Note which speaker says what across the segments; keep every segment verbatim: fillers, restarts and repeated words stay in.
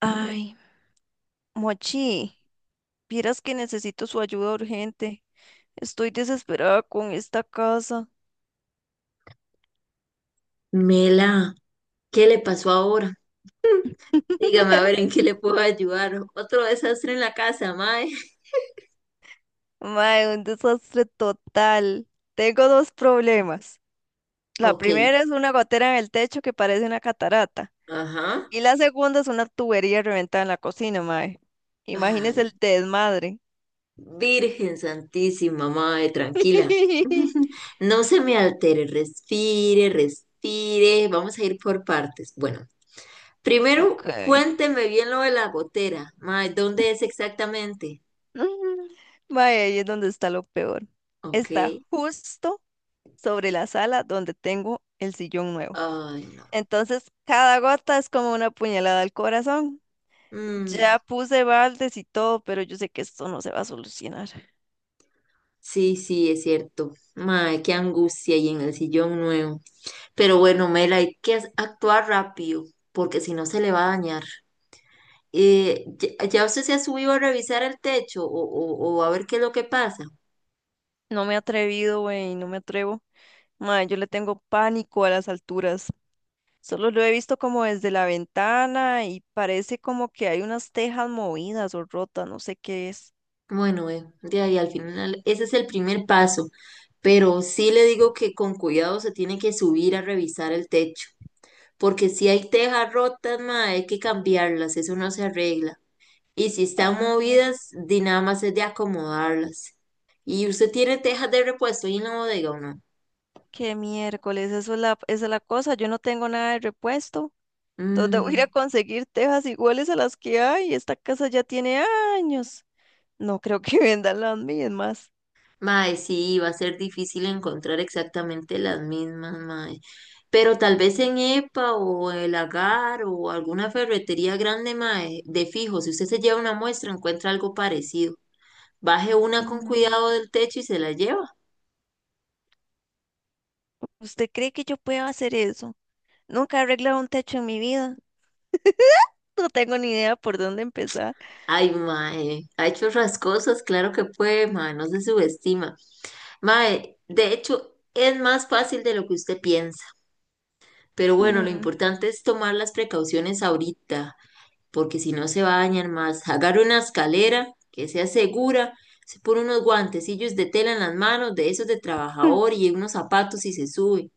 Speaker 1: Ay, Mochi, vieras que necesito su ayuda urgente. Estoy desesperada con esta casa.
Speaker 2: Mela, ¿qué le pasó ahora? Dígame a ver en qué le puedo ayudar. Otro desastre en la casa, mae.
Speaker 1: Mae, un desastre total. Tengo dos problemas. La
Speaker 2: Ok,
Speaker 1: primera es una gotera en el techo que parece una catarata.
Speaker 2: ajá.
Speaker 1: Y la segunda es una tubería reventada en la cocina, mae. Imagínese
Speaker 2: Ay,
Speaker 1: el desmadre.
Speaker 2: Virgen Santísima, mae, tranquila. No se me altere, respire, respire. Vamos a ir por partes. Bueno,
Speaker 1: Ok.
Speaker 2: primero cuénteme bien lo de la gotera, mae, ¿dónde es exactamente?
Speaker 1: Mm. Mae, ahí es donde está lo peor.
Speaker 2: Ok,
Speaker 1: Está justo sobre la sala donde tengo el sillón nuevo.
Speaker 2: ay, no.
Speaker 1: Entonces, cada gota es como una puñalada al corazón.
Speaker 2: Mm,
Speaker 1: Ya puse baldes y todo, pero yo sé que esto no se va a solucionar.
Speaker 2: sí, sí, es cierto. Mae, qué angustia y en el sillón nuevo. Pero bueno, Mela, hay que as- actuar rápido, porque si no se le va a dañar. Eh, ¿ya ya usted se ha subido a revisar el techo o, o- o a ver qué es lo que pasa?
Speaker 1: No me he atrevido, güey, no me atrevo. Mae, yo le tengo pánico a las alturas. Solo lo he visto como desde la ventana y parece como que hay unas tejas movidas o rotas, no sé qué es.
Speaker 2: Bueno, eh, de ahí al final, ese es el primer paso, pero sí le digo que con cuidado se tiene que subir a revisar el techo, porque si hay tejas rotas, ma, hay que cambiarlas, eso no se arregla. Y si están
Speaker 1: Ah,
Speaker 2: movidas, di nada más es de acomodarlas. ¿Y usted tiene tejas de repuesto ahí en la bodega o no?
Speaker 1: qué miércoles, eso es la, esa es la cosa. Yo no tengo nada de repuesto. ¿Dónde voy a ir a
Speaker 2: Mm.
Speaker 1: conseguir tejas iguales a las que hay? Esta casa ya tiene años. No creo que vendan las mismas.
Speaker 2: Mae, sí, va a ser difícil encontrar exactamente las mismas, mae. Pero tal vez en E P A o el Agar o alguna ferretería grande, mae, de fijo, si usted se lleva una muestra, encuentra algo parecido. Baje una con
Speaker 1: Mm,
Speaker 2: cuidado del techo y se la lleva.
Speaker 1: ¿usted cree que yo pueda hacer eso? Nunca he arreglado un techo en mi vida. No tengo ni idea por dónde empezar.
Speaker 2: Ay, mae, ha hecho otras cosas, claro que puede, mae, no se subestima. Mae, de hecho, es más fácil de lo que usted piensa. Pero bueno, lo
Speaker 1: Mm.
Speaker 2: importante es tomar las precauciones ahorita. Porque si no se va a dañar más. Agarra una escalera que sea segura, se pone unos guantecillos de tela en las manos, de esos de trabajador y unos zapatos y se sube.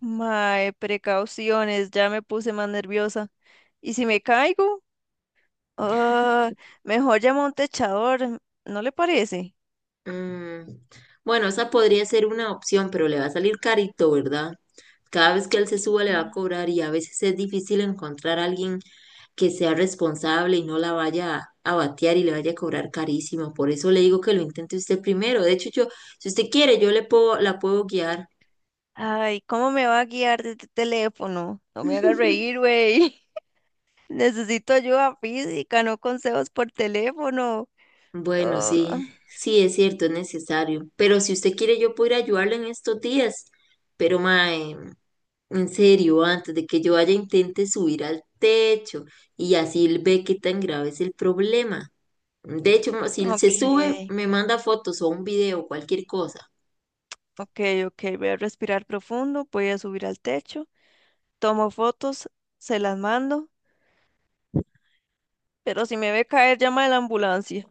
Speaker 1: Mae, precauciones, ya me puse más nerviosa. ¿Y si me caigo? Ah, mejor llamo a un techador, ¿no le parece?
Speaker 2: Mm, bueno, esa podría ser una opción, pero le va a salir carito, ¿verdad? Cada vez que él se suba le va a
Speaker 1: Mm.
Speaker 2: cobrar y a veces es difícil encontrar a alguien que sea responsable y no la vaya a a batear y le vaya a cobrar carísimo. Por eso le digo que lo intente usted primero. De hecho, yo, si usted quiere, yo le puedo, la puedo guiar.
Speaker 1: Ay, ¿cómo me va a guiar desde el teléfono? No me haga reír, güey. Necesito ayuda física, no consejos por teléfono.
Speaker 2: Bueno,
Speaker 1: Oh,
Speaker 2: sí, sí es cierto, es necesario. Pero si usted quiere, yo puedo ir a ayudarle en estos días. Pero, mae, en serio, antes de que yo vaya, intente subir al techo y así él ve qué tan grave es el problema. De hecho, ma- si se sube,
Speaker 1: ok,
Speaker 2: me manda fotos o un video, cualquier cosa.
Speaker 1: ok, ok. Voy a respirar profundo, voy a subir al techo, tomo fotos, se las mando, pero si me ve caer, llama a la ambulancia.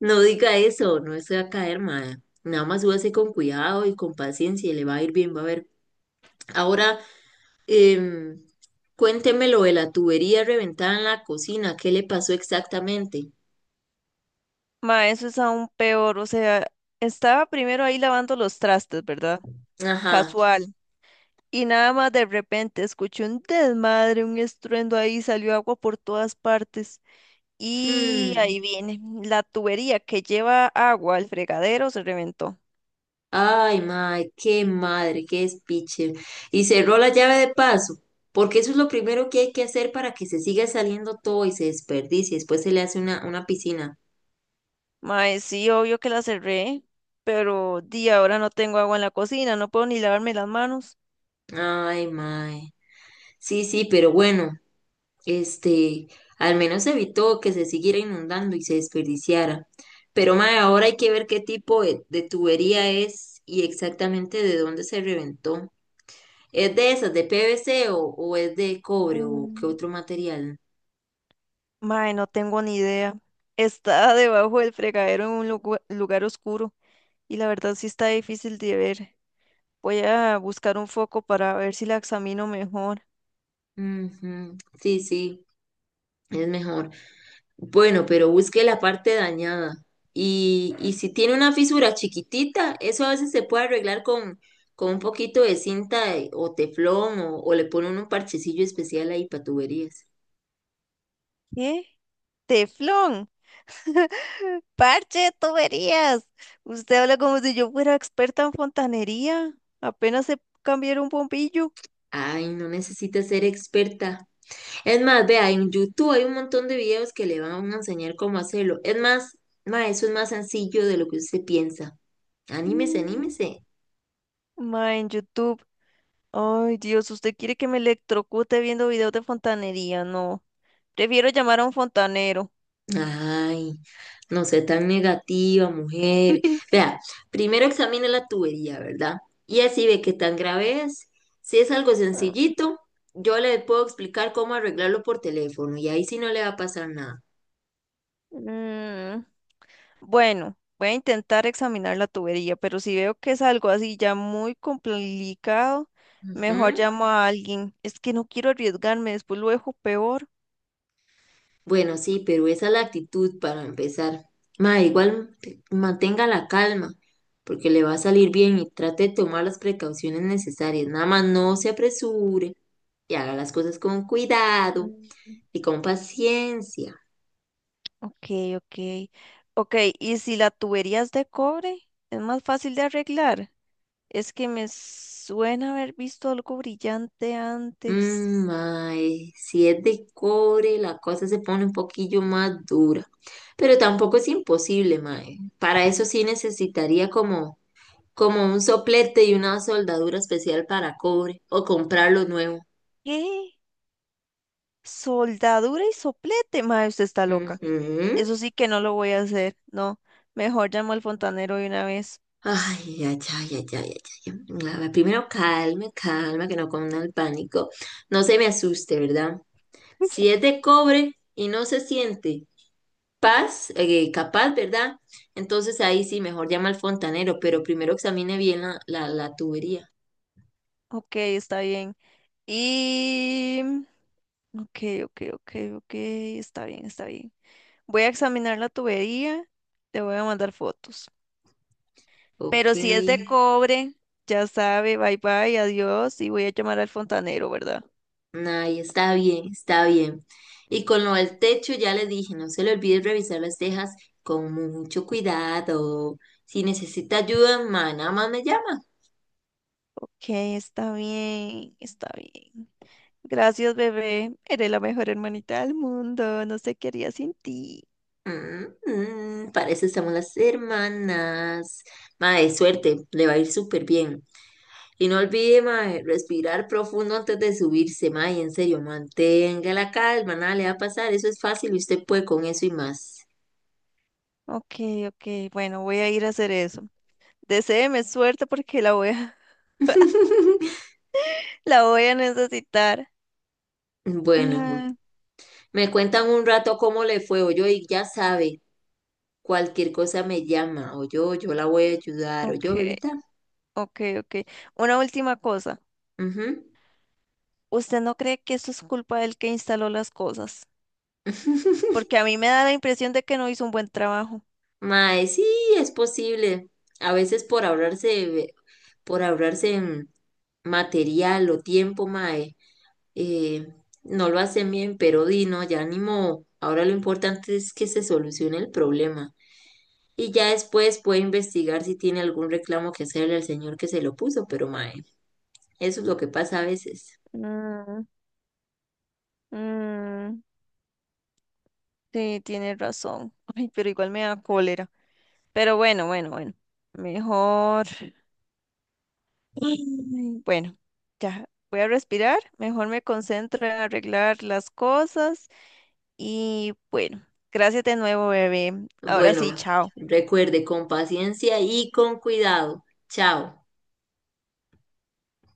Speaker 2: No diga eso, no se va a caer, mae. Nada más súbase con cuidado y con paciencia y le va a ir bien, va a ver. Ahora. Em, cuénteme lo de la tubería reventada en la cocina. ¿Qué le pasó exactamente?
Speaker 1: Ma, eso es aún peor. O sea, estaba primero ahí lavando los trastes, ¿verdad?
Speaker 2: Ajá.
Speaker 1: Casual. Y nada más de repente escuché un desmadre, un estruendo ahí, salió agua por todas partes. Y
Speaker 2: Hmm.
Speaker 1: ahí viene, la tubería que lleva agua al fregadero se reventó.
Speaker 2: Ay, madre, qué madre, qué despiche. Y cerró la llave de paso, porque eso es lo primero que hay que hacer para que se siga saliendo todo y se desperdicie. Después se le hace una, una piscina.
Speaker 1: Mae, sí, obvio que la cerré, pero di, ahora no tengo agua en la cocina, no puedo ni lavarme las manos.
Speaker 2: Ay, madre. Sí, sí, pero bueno. Este, al menos evitó que se siguiera inundando y se desperdiciara. Pero mae, ahora hay que ver qué tipo de, de tubería es y exactamente de dónde se reventó. ¿Es de esas, de P V C o, o es de cobre o qué
Speaker 1: Mm,
Speaker 2: otro material?
Speaker 1: Mae, no tengo ni idea. Está debajo del fregadero en un lugu- lugar oscuro y la verdad sí está difícil de ver. Voy a buscar un foco para ver si la examino mejor.
Speaker 2: Ujú, sí, sí, es mejor. Bueno, pero busque la parte dañada. Y, y si tiene una fisura chiquitita, eso a veces se puede arreglar con, con un poquito de cinta de- o teflón o, o le ponen un parchecillo especial ahí para tuberías.
Speaker 1: ¿Qué? ¡Teflón! Parche, tuberías. Usted habla como si yo fuera experta en fontanería. Apenas se cambiar un bombillo.
Speaker 2: Ay, no necesita ser experta. Es más, vea, en YouTube hay un montón de videos que le van a enseñar cómo hacerlo. Es más, ma, eso es más sencillo de lo que usted piensa. Anímese,
Speaker 1: Mm,
Speaker 2: anímese.
Speaker 1: ma, en YouTube. Ay, Dios, usted quiere que me electrocute viendo videos de fontanería. No, prefiero llamar a un fontanero.
Speaker 2: Ay, no sé, tan negativa, mujer. Vea, primero examine la tubería, ¿verdad? Y así ve qué tan grave es. Si es algo
Speaker 1: Ah,
Speaker 2: sencillito, yo le puedo explicar cómo arreglarlo por teléfono y ahí sí no le va a pasar nada.
Speaker 1: mm, bueno, voy a intentar examinar la tubería, pero si veo que es algo así ya muy complicado, mejor
Speaker 2: Ujú.
Speaker 1: llamo a alguien. Es que no quiero arriesgarme, después lo dejo peor.
Speaker 2: Bueno, sí, pero esa es la actitud para empezar. Ma, igual te- mantenga la calma, porque le va a salir bien y trate de tomar las precauciones necesarias. Nada más no se apresure y haga las cosas con cuidado.
Speaker 1: Mm.
Speaker 2: Y con paciencia.
Speaker 1: Ok, ok. Ok, ¿y si la tubería es de cobre? ¿Es más fácil de arreglar? Es que me suena haber visto algo brillante antes.
Speaker 2: Mm, mae, si es de cobre, la cosa se pone un poquillo más dura. Pero tampoco es imposible, mae. Para eso sí necesitaría como, como un soplete y una soldadura especial para cobre o comprarlo nuevo.
Speaker 1: ¿Qué? Soldadura y soplete, madre, usted está loca.
Speaker 2: Ujú.
Speaker 1: Eso sí que no lo voy a hacer, no. Mejor llamo al fontanero de una vez.
Speaker 2: Ay, ay, ay, ay, ay, ay, ay. A ver, primero calme, calma, que no cunda el pánico. No se me asuste, ¿verdad? Si es de cobre y no se siente paz, eh, capaz, ¿verdad? Entonces ahí sí, mejor llama al fontanero, pero primero examine bien la, la, la tubería.
Speaker 1: Ok, está bien. Y... ok, ok, ok, ok, está bien, está bien. Voy a examinar la tubería, te voy a mandar fotos.
Speaker 2: Ok,
Speaker 1: Pero si es de
Speaker 2: ahí
Speaker 1: cobre, ya sabe, bye bye, adiós y voy a llamar al fontanero, ¿verdad?
Speaker 2: está bien, está bien. Y con lo del techo ya le dije, no se le olvide revisar las tejas con mucho cuidado. Si necesita ayuda, ma, nada más me llama.
Speaker 1: Ok, está bien, está bien. Gracias, bebé. Eres la mejor hermanita del mundo. No sé qué haría sin ti.
Speaker 2: Mm, mm, para eso estamos las hermanas. Ma, de suerte, le va a ir súper bien. Y no olvide, mae, respirar profundo antes de subirse, mae, en serio, mantenga la calma, nada le va a pasar, eso es fácil y usted puede con eso y más.
Speaker 1: Ok, ok, bueno, voy a ir a hacer eso. Deséeme suerte porque la voy a, la voy a necesitar.
Speaker 2: Bueno, bu-
Speaker 1: Ah,
Speaker 2: me cuentan un rato cómo le fue, o yo, y ya sabe, cualquier cosa me llama, o yo, yo la voy a ayudar, o
Speaker 1: ok,
Speaker 2: yo, bebita.
Speaker 1: ok, ok. Una última cosa.
Speaker 2: Ujú.
Speaker 1: ¿Usted no cree que esto es culpa del que instaló las cosas? Porque a mí me da la impresión de que no hizo un buen trabajo.
Speaker 2: Mae, sí, es posible. A veces por ahorrarse, por ahorrarse en material o tiempo, mae, eh, no lo hacen bien, pero di, no, ya ni modo. Ahora lo importante es que se solucione el problema. Y ya después puede investigar si tiene algún reclamo que hacerle al señor que se lo puso, pero mae, eso es lo que pasa a veces.
Speaker 1: Mm, mm, sí, tiene razón. Ay, pero igual me da cólera. Pero bueno, bueno, bueno. Mejor. Ay, bueno, ya voy a respirar, mejor me concentro en arreglar las cosas y bueno, gracias de nuevo, bebé. Ahora
Speaker 2: Bueno,
Speaker 1: sí, chao.
Speaker 2: recuerde, con paciencia y con cuidado. Chao.